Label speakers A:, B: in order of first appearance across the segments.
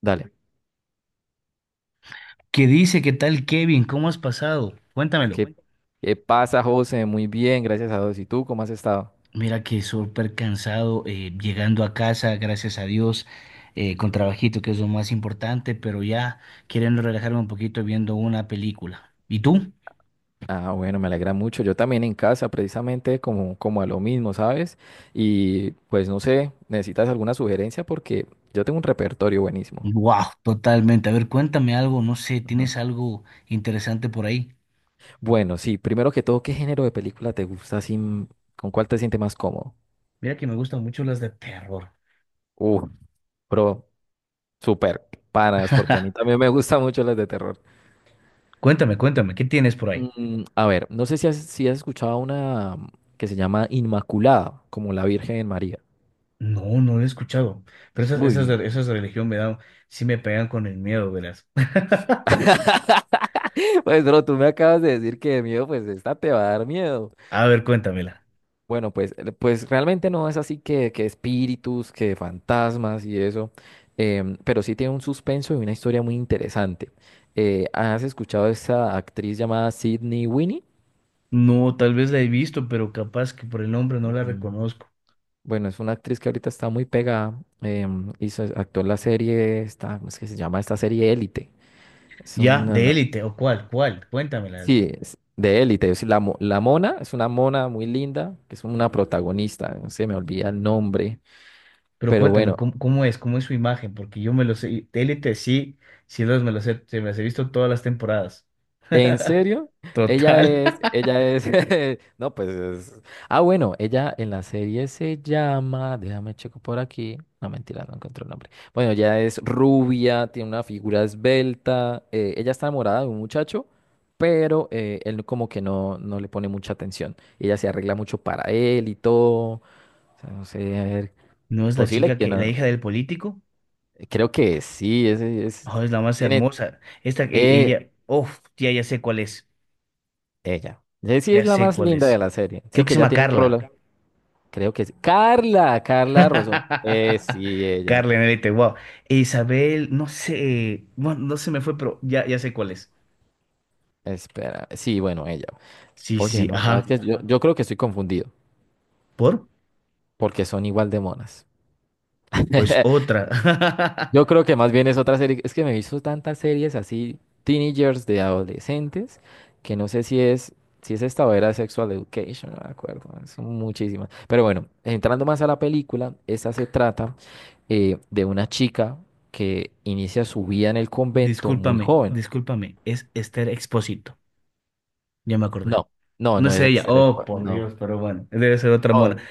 A: Dale.
B: ¿Qué dice? ¿Qué tal, Kevin? ¿Cómo has pasado? Cuéntamelo.
A: ¿Qué, qué pasa, José? Muy bien, gracias a Dios. ¿Y tú cómo has estado?
B: Mira que súper cansado, llegando a casa, gracias a Dios, con trabajito, que es lo más importante, pero ya queriendo relajarme un poquito viendo una película. ¿Y tú?
A: Ah, bueno, me alegra mucho. Yo también en casa, precisamente como a lo mismo, ¿sabes? Y pues no sé, ¿necesitas alguna sugerencia? Porque yo tengo un repertorio buenísimo.
B: Wow, totalmente. A ver, cuéntame algo, no sé,
A: Ujú.
B: ¿tienes algo interesante por ahí?
A: Bueno, sí, primero que todo, ¿qué género de película te gusta? Sin, ¿con cuál te sientes más cómodo?
B: Mira que me gustan mucho las de terror.
A: Uh, Bro, súper, panas, porque a mí también me gustan mucho las de terror.
B: Cuéntame, cuéntame, ¿qué tienes por ahí?
A: A ver, no sé si has escuchado una que se llama Inmaculada, como la Virgen María.
B: No, no lo he escuchado, pero esas, esas
A: Uy,
B: de, esas de religión me dan, sí me pegan con el miedo, verás.
A: pues bro, tú me acabas de decir que de miedo, pues esta te va a dar miedo.
B: A ver, cuéntamela.
A: Bueno, pues, pues realmente no es así que espíritus, que fantasmas y eso, pero sí tiene un suspenso y una historia muy interesante. ¿Has escuchado esa actriz llamada Sydney Winnie?
B: No, tal vez la he visto, pero capaz que por el nombre no la
A: Mm.
B: reconozco.
A: Bueno, es una actriz que ahorita está muy pegada. Hizo, actuó en la serie, esta, ¿cómo es que se llama esta serie Élite? Es
B: Ya, de
A: una,
B: Élite, ¿o cuál? ¿Cuál? Cuéntamela.
A: sí, es de élite. Es la mona, es una mona muy linda, que es una protagonista, no se me olvida el nombre,
B: Pero
A: pero
B: cuéntame,
A: bueno,
B: ¿cómo es? ¿Cómo es su imagen? Porque yo me lo sé. De Élite sí, sí los me los he, se me las he visto todas las temporadas.
A: en serio, ella
B: Total.
A: es, ella es, no, pues es, ah, bueno, ella en la serie se llama, déjame checo por aquí, no, mentira, no encuentro el nombre. Bueno, ella es rubia, tiene una figura esbelta, ella está enamorada de un muchacho, pero él como que no le pone mucha atención. Ella se arregla mucho para él y todo. O sea, no sé, a ver,
B: ¿No es la
A: posible
B: chica
A: que
B: que, la
A: no.
B: hija del político?
A: Creo que sí, ese es,
B: Oh, es la más
A: tiene,
B: hermosa. Esta,
A: eh,
B: ella, uff, ya sé cuál es.
A: ella. Jessie
B: Ya
A: es la
B: sé
A: más
B: cuál
A: linda de
B: es.
A: la serie.
B: Creo
A: Sí,
B: que se
A: que ya
B: llama
A: tiene un
B: Carla.
A: rol, creo que es. Carla, Carla Rosón. Sí, ella.
B: Carla en Élite, wow. E Isabel, no sé, bueno, no se me fue, pero ya sé cuál es.
A: Espera, sí, bueno, ella.
B: Sí, sí,
A: Oye,
B: sí,
A: no, sabes
B: ajá.
A: que yo creo que estoy confundido,
B: ¿Por?
A: porque son igual de monas.
B: Pues otra.
A: Yo creo que más bien es otra serie, es que me he visto tantas series así, teenagers de adolescentes, que no sé si es esta o era Sexual Education, no me acuerdo, son muchísimas. Pero bueno, entrando más a la película, esta se trata de una chica que inicia su vida en el convento muy
B: Discúlpame,
A: joven.
B: discúlpame, es Esther Expósito. Ya me acordé.
A: No, no,
B: No es ella. Oh, por
A: no,
B: Dios, pero bueno, debe ser otra
A: no.
B: mona.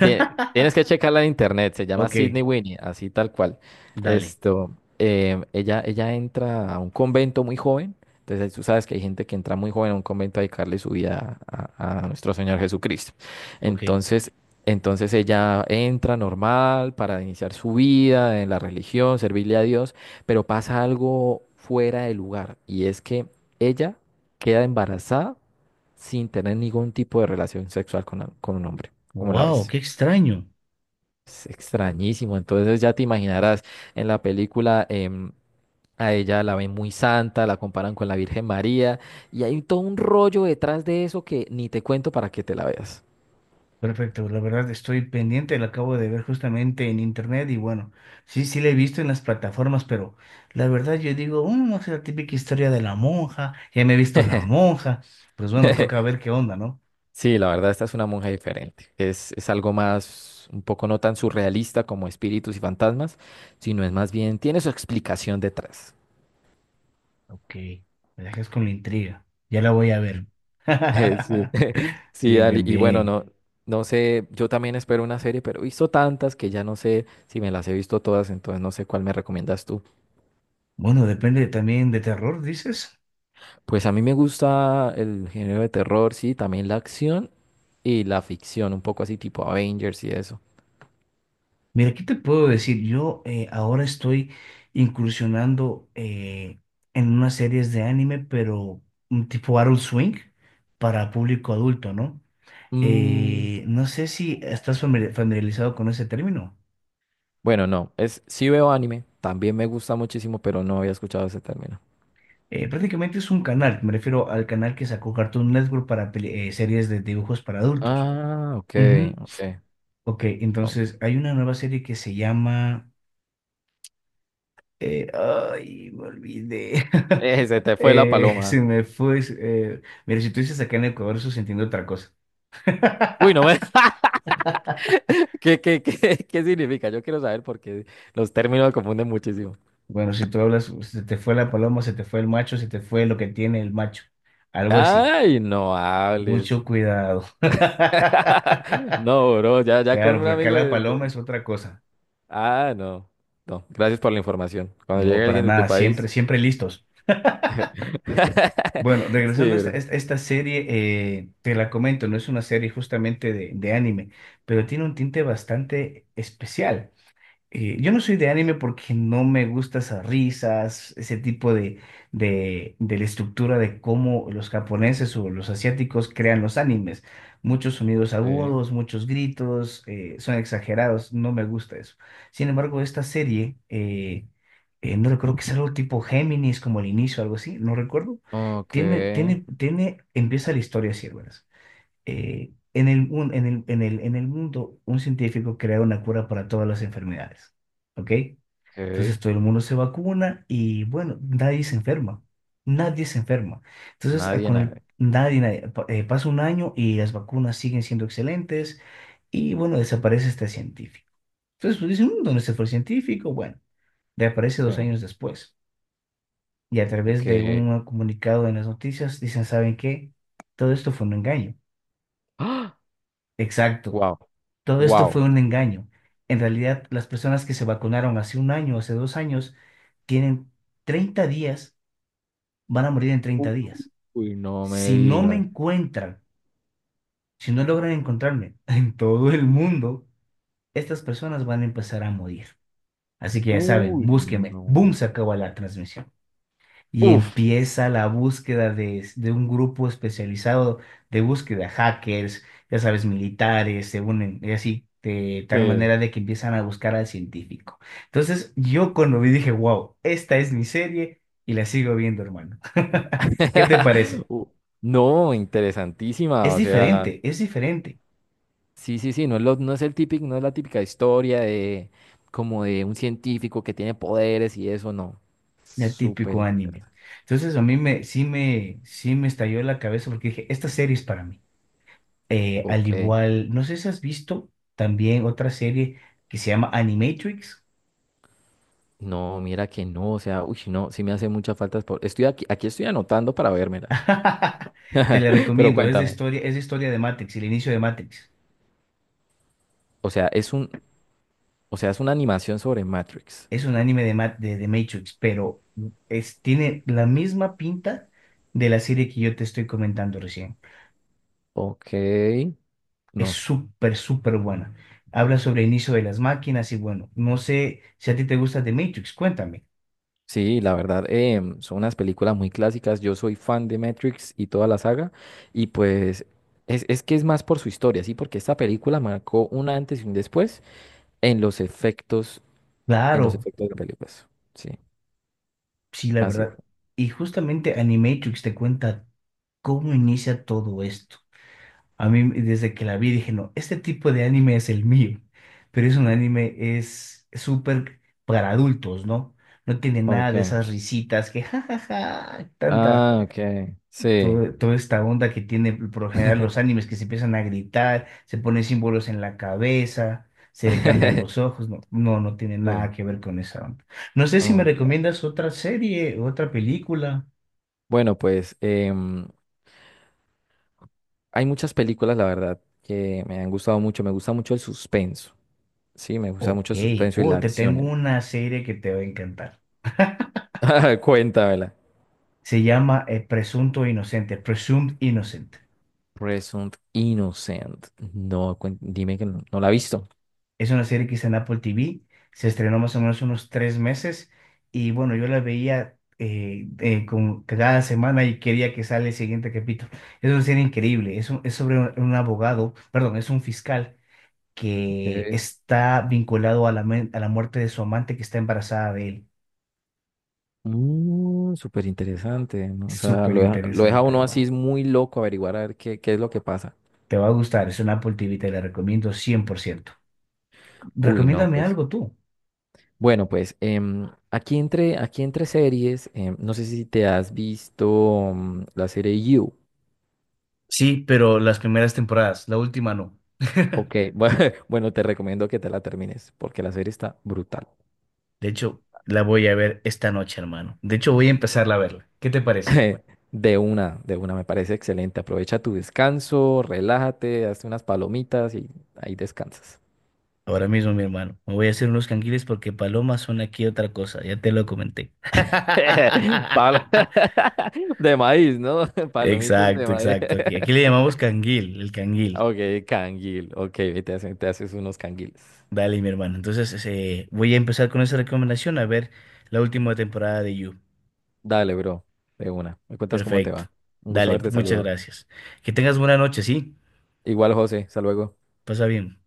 A: Tie- Tienes que checarla en internet, se llama
B: Ok,
A: Sydney Winnie, así tal cual.
B: dale,
A: Esto, ella entra a un convento muy joven, entonces tú sabes que hay gente que entra muy joven a un convento a dedicarle su vida a nuestro Señor Jesucristo.
B: ok.
A: Entonces, entonces ella entra normal para iniciar su vida en la religión, servirle a Dios, pero pasa algo fuera de lugar y es que ella queda embarazada sin tener ningún tipo de relación sexual con un hombre, como la
B: Wow,
A: ves.
B: qué extraño.
A: Es extrañísimo. Entonces ya te imaginarás en la película a ella la ven muy santa, la comparan con la Virgen María y hay todo un rollo detrás de eso que ni te cuento para que te la veas.
B: Perfecto, la verdad estoy pendiente, la acabo de ver justamente en internet y bueno, sí, sí la he visto en las plataformas, pero la verdad yo digo, "Mm, no sé, la típica historia de la monja, ya me he visto la monja, pues bueno, toca ver qué onda, ¿no?".
A: Sí, la verdad, esta es una monja diferente. Es algo más, un poco no tan surrealista como espíritus y fantasmas, sino es más bien, tiene su explicación detrás.
B: Ok, me dejas con la intriga, ya la voy a ver.
A: Sí, sí,
B: Bien,
A: dale.
B: bien,
A: Y bueno,
B: bien.
A: no, no sé, yo también espero una serie, pero he visto tantas que ya no sé si me las he visto todas, entonces no sé cuál me recomiendas tú.
B: Bueno, depende también de terror, dices.
A: Pues a mí me gusta el género de terror, sí, también la acción y la ficción, un poco así tipo Avengers y eso.
B: Mira, ¿qué te puedo decir? Yo ahora estoy incursionando en unas series de anime, pero un tipo Adult Swing para público adulto, ¿no?
A: Mm,
B: No sé si estás familiarizado con ese término.
A: bueno, no, es, sí veo anime, también me gusta muchísimo, pero no había escuchado ese término.
B: Prácticamente es un canal, me refiero al canal que sacó Cartoon Network para series de dibujos para adultos.
A: Ah, ok,
B: Ujú.
A: ok.
B: Ok,
A: Oh,
B: entonces hay una nueva serie que se llama... ay, me olvidé.
A: se te fue la
B: Se
A: paloma.
B: me fue. Mira, si tú dices acá en Ecuador, eso se entiende otra cosa.
A: Uy, no me... ¿Qué significa? Yo quiero saber porque los términos confunden muchísimo.
B: Bueno, si tú hablas, se te fue la paloma, se te fue el macho, se te fue lo que tiene el macho. Algo así.
A: Ay, no hables.
B: Mucho cuidado.
A: No, bro, ya con
B: Claro,
A: un
B: porque acá
A: amigo
B: la paloma es otra cosa.
A: Ah, no. No, gracias por la información. Cuando
B: No,
A: llegue
B: para
A: alguien de tu
B: nada. Siempre,
A: país.
B: siempre listos. Bueno, regresando
A: Sí,
B: a
A: bro.
B: esta serie, te la comento, no es una serie justamente de anime, pero tiene un tinte bastante especial. Yo no soy de anime porque no me gustan esas risas, ese tipo de la estructura de cómo los japoneses o los asiáticos crean los animes. Muchos sonidos
A: Sí.
B: agudos, muchos gritos, son exagerados, no me gusta eso. Sin embargo, esta serie, no recuerdo, que es algo tipo Géminis, como el inicio, algo así, no recuerdo.
A: Ok,
B: Tiene, empieza la historia así, hermanas en el, mun- en el, en el, en el mundo, un científico crea una cura para todas las enfermedades, ¿ok?
A: ok.
B: Entonces todo el mundo se vacuna y bueno, nadie se enferma, nadie se enferma. Entonces a-
A: Nadie,
B: con el,
A: nadie.
B: nadie, nadie- pa- pasa un año y las vacunas siguen siendo excelentes y bueno, desaparece este científico. Entonces pues, dicen, "Mm, ¿dónde se fue el científico?". Bueno, reaparece dos
A: Sí.
B: años después y a través
A: Ok.
B: de un comunicado en las noticias dicen, ¿saben qué? Todo esto fue un engaño.
A: ¡Ah!
B: Exacto.
A: Wow,
B: Todo esto fue
A: wow.
B: un engaño. En realidad, las personas que se vacunaron hace un año, hace 2 años, tienen 30 días, van a morir en 30 días.
A: Uy, no me
B: Si no me
A: digas.
B: encuentran, si no logran encontrarme en todo el mundo, estas personas van a empezar a morir. Así que ya saben,
A: Uy,
B: búsquenme.
A: no.
B: ¡Boom! Se acabó la transmisión. Y
A: Uf,
B: empieza la búsqueda de un grupo especializado de búsqueda, hackers, ya sabes, militares, se unen y así, de tal
A: sí.
B: manera de que empiezan a buscar al científico. Entonces, yo cuando vi dije, wow, esta es mi serie y la sigo viendo, hermano. ¿Qué te parece?
A: Uh. No, interesantísima, o sea,
B: Es diferente
A: sí, sí, sí, no es el típico, no es la típica historia de como de un científico que tiene poderes y eso, no.
B: del típico
A: Súper,
B: anime. Entonces, a mí me, sí me, sí me estalló la cabeza porque dije, esta serie es para mí. Al
A: ok.
B: igual, no sé si has visto también otra serie que se llama Animatrix.
A: No, mira que no, o sea, uy, no, sí me hace muchas Estoy aquí, aquí estoy anotando para vérmelas.
B: Te la
A: Pero
B: recomiendo,
A: cuéntame,
B: es de historia de Matrix, el inicio de Matrix.
A: o sea, es un, o sea, es una animación sobre Matrix.
B: Es un anime de Matrix, pero es, tiene la misma pinta de la serie que yo te estoy comentando recién.
A: Ok.
B: Es
A: No.
B: súper, súper buena. Habla sobre el inicio de las máquinas y bueno, no sé si a ti te gusta The Matrix, cuéntame.
A: Sí, la verdad, son unas películas muy clásicas. Yo soy fan de Matrix y toda la saga. Y pues es que es más por su historia, ¿sí? Porque esta película marcó un antes y un después en los efectos, en los
B: Claro,
A: efectos de películas. Sí,
B: sí, la
A: así
B: verdad.
A: fue.
B: Y justamente Animatrix te cuenta ¿cómo inicia todo esto? A mí, desde que la vi, dije, no, este tipo de anime es el mío, pero es un anime, es súper para adultos, ¿no? No tiene nada de
A: Ok.
B: esas risitas que, jajaja, tanta,
A: Ah, ok. Sí.
B: toda esta onda que tiene por lo general los animes, que se empiezan a gritar, se ponen símbolos en la cabeza, se le cambian los ojos, no, no, no tiene
A: Sí.
B: nada que ver con esa onda. No sé si me
A: Ok.
B: recomiendas otra serie, otra película.
A: Bueno, pues hay muchas películas, la verdad, que me han gustado mucho. Me gusta mucho el suspenso. Sí, me gusta
B: Ok,
A: mucho el suspenso y la
B: oh, te tengo
A: acción.
B: una serie que te va a encantar.
A: Cuéntamela.
B: Se llama Presunto Inocente, Presumed Innocent.
A: Presumed Innocent. No, dime que no, no la ha visto.
B: Es una serie que está en Apple TV. Se estrenó más o menos unos 3 meses. Y bueno, yo la veía cada semana y quería que sale el siguiente capítulo. Es una serie increíble. Es sobre un, abogado, perdón, es un fiscal que
A: Ok.
B: está vinculado a a la muerte de su amante que está embarazada de él.
A: Mm, súper interesante, ¿no? O sea,
B: Súper
A: lo deja
B: interesante,
A: uno así,
B: hermano.
A: es muy loco averiguar a ver qué es lo que pasa.
B: Te va a gustar. Es una Apple TV, te la recomiendo 100%.
A: Uy, no,
B: Recomiéndame
A: pues.
B: algo tú.
A: Bueno, pues aquí entre series, no sé si te has visto la serie You.
B: Sí, pero las primeras temporadas, la última no.
A: Ok, bueno, bueno, te recomiendo que te la termines porque la serie está brutal.
B: De hecho, la voy a ver esta noche, hermano. De hecho, voy a empezarla a verla. ¿Qué te parece?
A: De una, me parece excelente. Aprovecha tu descanso, relájate, hazte unas palomitas y ahí descansas.
B: Ahora mismo, mi hermano. Me voy a hacer unos canguiles porque palomas son aquí otra cosa. Ya te lo comenté.
A: Palo- De maíz, ¿no? Palomitas de
B: Exacto,
A: maíz.
B: exacto. Aquí, aquí le llamamos canguil, el canguil.
A: Ok, canguil. Ok, ve, te haces unos canguiles.
B: Dale, mi hermano. Entonces, voy a empezar con esa recomendación a ver la última temporada de You.
A: Dale, bro. De una. Me cuentas cómo te
B: Perfecto.
A: va. Un gusto
B: Dale,
A: haberte
B: muchas
A: saludado.
B: gracias. Que tengas buena noche, ¿sí?
A: Igual, José. Hasta luego.
B: Pasa bien.